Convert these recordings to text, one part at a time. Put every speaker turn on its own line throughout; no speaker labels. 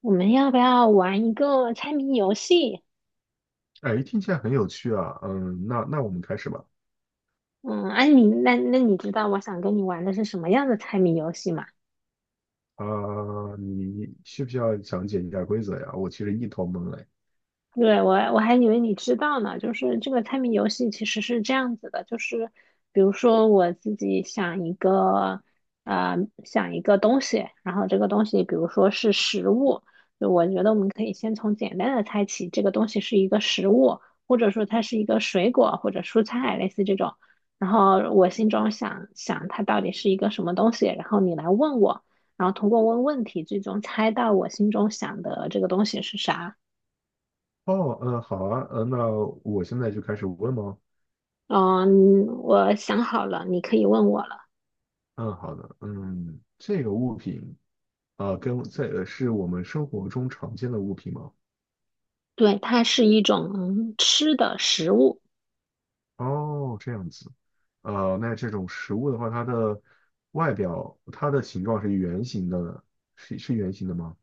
我们要不要玩一个猜谜游戏？
哎，听起来很有趣啊。嗯，那我们开始吧。
嗯，哎、你那那你知道我想跟你玩的是什么样的猜谜游戏吗？
啊、你需不需要讲解一下规则呀？我其实一头懵嘞。
对，我还以为你知道呢，就是这个猜谜游戏其实是这样子的，就是比如说我自己想一个，呃，想一个东西，然后这个东西比如说是食物，就我觉得我们可以先从简单的猜起，这个东西是一个食物，或者说它是一个水果或者蔬菜，类似这种。然后我心中想想它到底是一个什么东西，然后你来问我，然后通过问问题最终猜到我心中想的这个东西是啥。
哦，嗯，好啊，嗯，那我现在就开始问吗？
我想好了，你可以问我了。
嗯，好的。嗯，这个物品是我们生活中常见的物品吗？
对，它是一种吃的食物。
哦，这样子。呃，那这种食物的话，它的外表，它的形状是圆形的，是圆形的吗？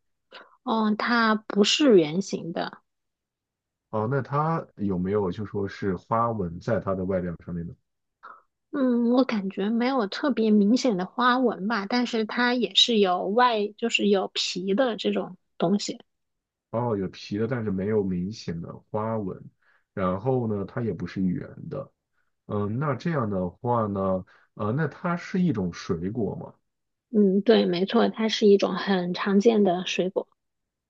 嗯，它不是圆形的。
哦，那它有没有就说是花纹在它的外表上面呢？
嗯，我感觉没有特别明显的花纹吧，但是它也是有外，就是有皮的这种东西。
哦，有皮的，但是没有明显的花纹。然后呢，它也不是圆的。嗯，那这样的话呢，呃，那它是一种水果吗？
嗯，对，没错，它是一种很常见的水果。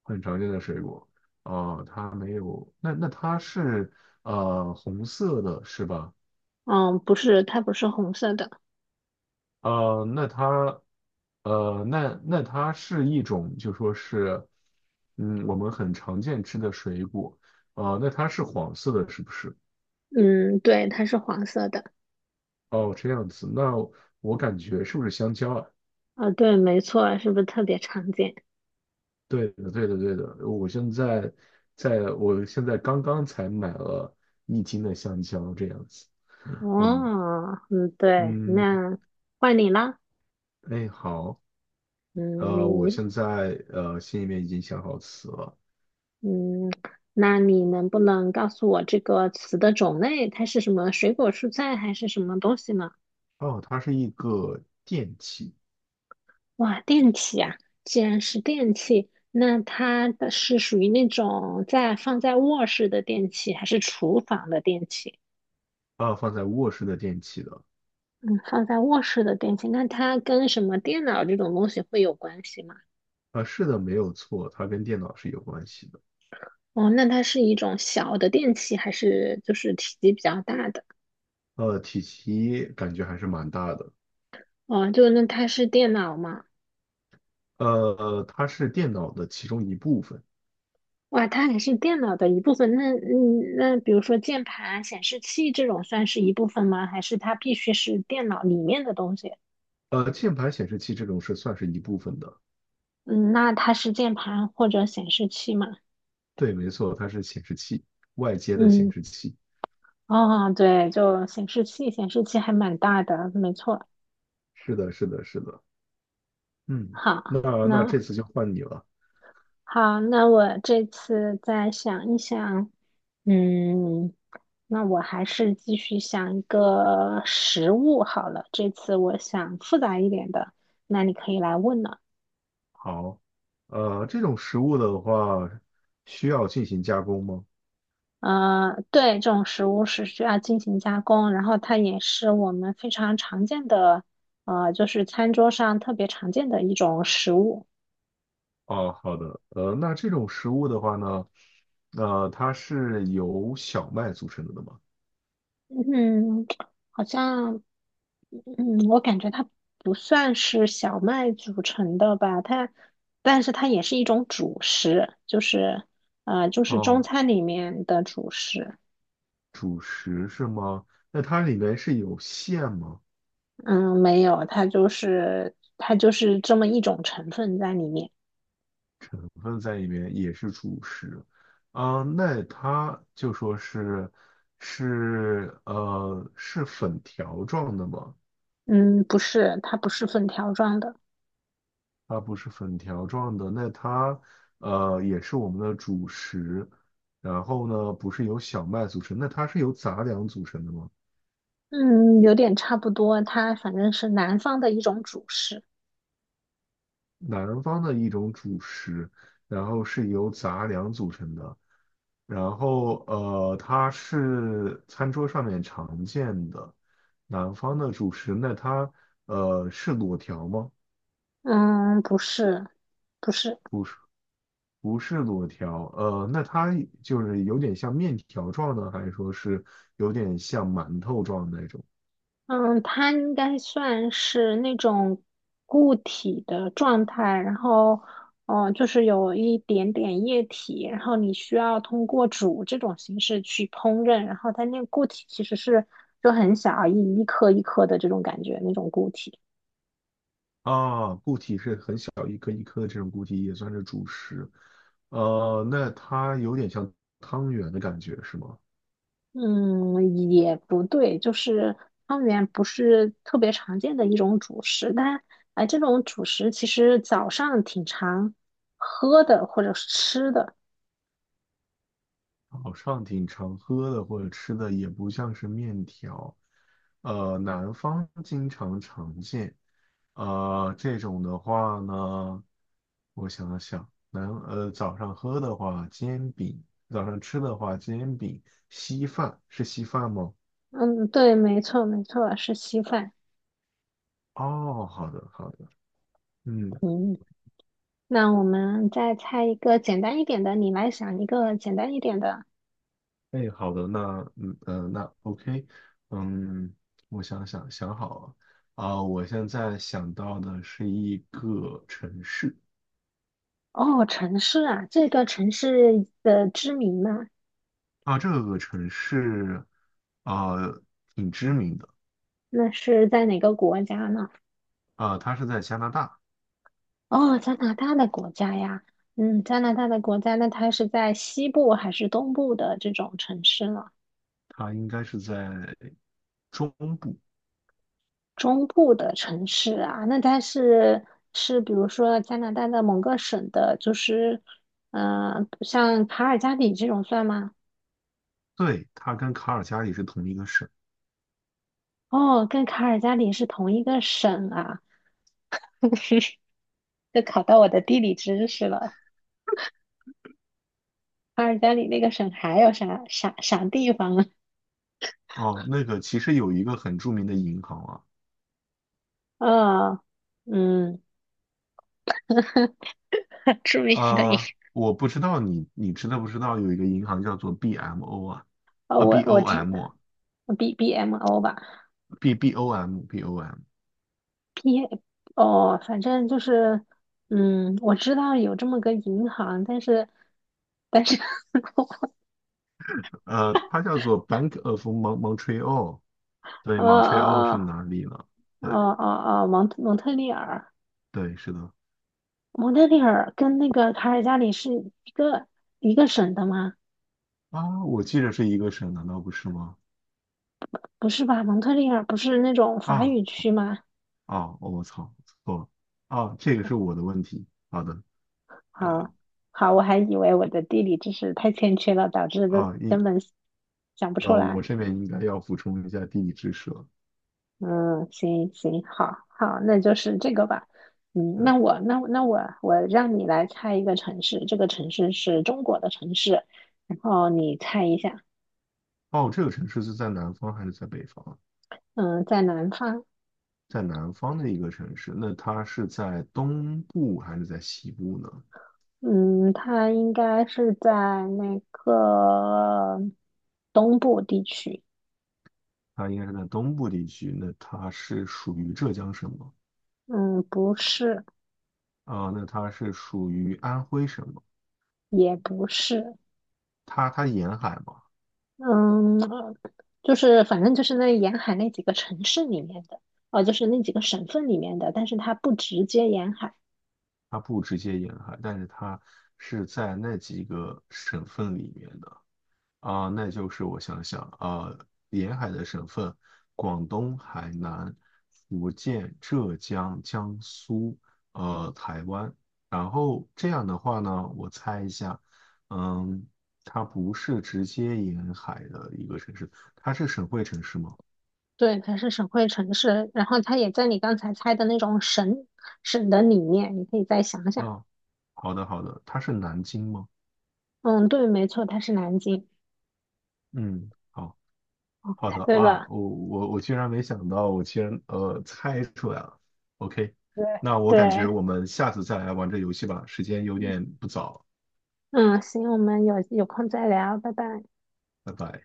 很常见的水果。它没有。那它是呃红色的，是吧？
嗯，不是，它不是红色的。
呃，那它呃，那那它是一种就说是，嗯，我们很常见吃的水果。那它是黄色的，是不是？
嗯，对，它是黄色的。
哦，这样子，那我感觉是不是香蕉啊？
啊，对，没错，是不是特别常见？
对的，对的，对的。我现在在，我现在刚刚才买了一斤的香蕉，这样子。嗯
哦，嗯，对，
嗯，
那换你啦。
哎，好，
嗯，
呃，我
你
现在呃心里面已经想好词了。
嗯，那你能不能告诉我这个词的种类？它是什么水果、蔬菜还是什么东西呢？
哦，它是一个电器，
哇，电器啊！既然是电器，那它的是属于那种在放在卧室的电器，还是厨房的电器？
啊，放在卧室的电器的。
嗯，放在卧室的电器，那它跟什么电脑这种东西会有关系吗？
啊，是的，没有错，它跟电脑是有关系的。
哦，那它是一种小的电器，还是就是体积比较大的？
呃，体积感觉还是蛮大的。
哦，就那它是电脑吗？
呃，它是电脑的其中一部分。
哇，它还是电脑的一部分。那嗯，那比如说键盘、显示器这种算是一部分吗？还是它必须是电脑里面的东西？
呃，键盘显示器这种是算是一部分的。
嗯，那它是键盘或者显示器吗？
对，没错，它是显示器，外接的显
嗯，
示器。
哦，对，就显示器，显示器还蛮大的，没错。
是的，是的，是的。嗯，那
好，
那这
那
次就换你了。
好，那我这次再想一想。嗯，那我还是继续想一个实物好了。这次我想复杂一点的，那你可以来问了。
好，呃，这种食物的话，需要进行加工吗？
对，这种食物是需要进行加工，然后它也是我们非常常见的，就是餐桌上特别常见的一种食物。
哦，好的。呃，那这种食物的话呢，呃，它是由小麦组成的吗？
嗯，好像，嗯，我感觉它不算是小麦组成的吧，它，但是它也是一种主食，就是，就是中
哦，
餐里面的主食。
主食是吗？那它里面是有馅吗？
嗯，没有，它就是这么一种成分在里面。
成分在里面，也是主食。啊，那它就说是是粉条状的吗？
嗯，不是，它不是粉条状的。
它不是粉条状的，那它呃也是我们的主食。然后呢，不是由小麦组成，那它是由杂粮组成的吗？
嗯，有点差不多，它反正是南方的一种主食。
南方的一种主食，然后是由杂粮组成的，然后呃，它是餐桌上面常见的南方的主食。那它呃是裸条吗？
嗯，不是，不是，
不是，不是裸条。呃，那它就是有点像面条状的，还是说是有点像馒头状的那种？
嗯，它应该算是那种固体的状态，然后，哦，就是有一点点液体，然后你需要通过煮这种形式去烹饪，然后它那个固体其实是就很小，一颗一颗的这种感觉，那种固体。
啊，固体是很小一颗一颗的这种固体也算是主食。呃，那它有点像汤圆的感觉是吗？
嗯，也不对，就是汤圆不是特别常见的一种主食，但哎，这种主食其实早上挺常喝的或者是吃的。
早上挺常喝的或者吃的也不像是面条，呃，南方经常常见，呃，这种的话呢，我想想，早上喝的话煎饼，早上吃的话煎饼，稀饭是稀饭吗？
嗯，对，没错，没错，是稀饭。
哦，好的好的，嗯，
嗯，那我们再猜一个简单一点的，你来想一个简单一点的。
哎，好的，那OK，嗯，我想好了。我现在想到的是一个城市，
哦，城市啊，这个城市的知名吗？
啊，这个城市，呃，挺知名的。
那是在哪个国家呢？
啊，它是在加拿大，
哦，加拿大的国家呀，嗯，加拿大的国家，那它是在西部还是东部的这种城市呢？
它应该是在中部。
中部的城市啊，那它是是比如说加拿大的某个省的，就是嗯，像卡尔加里这种算吗？
对，它跟卡尔加里是同一个省。
哦，跟卡尔加里是同一个省啊，这考到我的地理知识了。卡尔加里那个省还有啥啥啥地方啊？
哦，那个其实有一个很著名的银行啊，
嗯嗯，著名的一，
呃，我不知道你知道不知道有一个银行叫做 BMO 啊，
哦，
啊
我
BOM
知。
啊
BBMO 吧
BOM，
p 哦，反正就是，嗯，我知道有这么个银行，但是，但是，
呃，它叫做 Bank of Montreal。对
呃
，Montreal 是
呃
哪里呢？对
蒙特利尔，
对，是的。
蒙特利尔跟那个卡尔加里是一个一个省的吗？
啊，我记着是一个省，难道不是吗？
不是吧？蒙特利尔不是那种法
啊，
语区吗？
哦我操，错了啊，这个是我的问题。好的
好，好，我还以为我的地理知识太欠缺了，导致的
啊，应，
根本想不
然
出
后我
来。
这边应该要补充一下地理知识了。
嗯，行行，好好，那就是这个吧。嗯，
嗯，
那我那那我我让你来猜一个城市，这个城市是中国的城市，然后你猜一下，
哦，这个城市是在南方还是在北方啊？
嗯，在南方，
在南方的一个城市，那它是在东部还是在西部呢？
嗯，它应该是在那个东部地区，
它应该是在东部地区，那它是属于浙江省吗？
嗯，不是，
啊，那它是属于安徽省吗？
也不是，
它沿海吗？
嗯，就是反正就是那沿海那几个城市里面的，哦，就是那几个省份里面的，但是它不直接沿海。
它不直接沿海，但是它是在那几个省份里面的。啊，那就是我想想啊，沿海的省份，广东、海南、福建、浙江、江苏，呃，台湾。然后这样的话呢，我猜一下，嗯，它不是直接沿海的一个城市，它是省会城市吗？
对，它是省会城市，然后它也在你刚才猜的那种省的里面，你可以再想想。
啊，好的好的，它是南京吗？
嗯，对，没错，它是南京，
嗯。好。好
猜
的
对
啊，
了。
我居然没想到，我竟然呃猜出来了。OK，
对。
那我感觉
对，
我们下次再来玩这游戏吧，时间有点不早，
嗯，行，我们有空再聊，拜拜。
拜拜。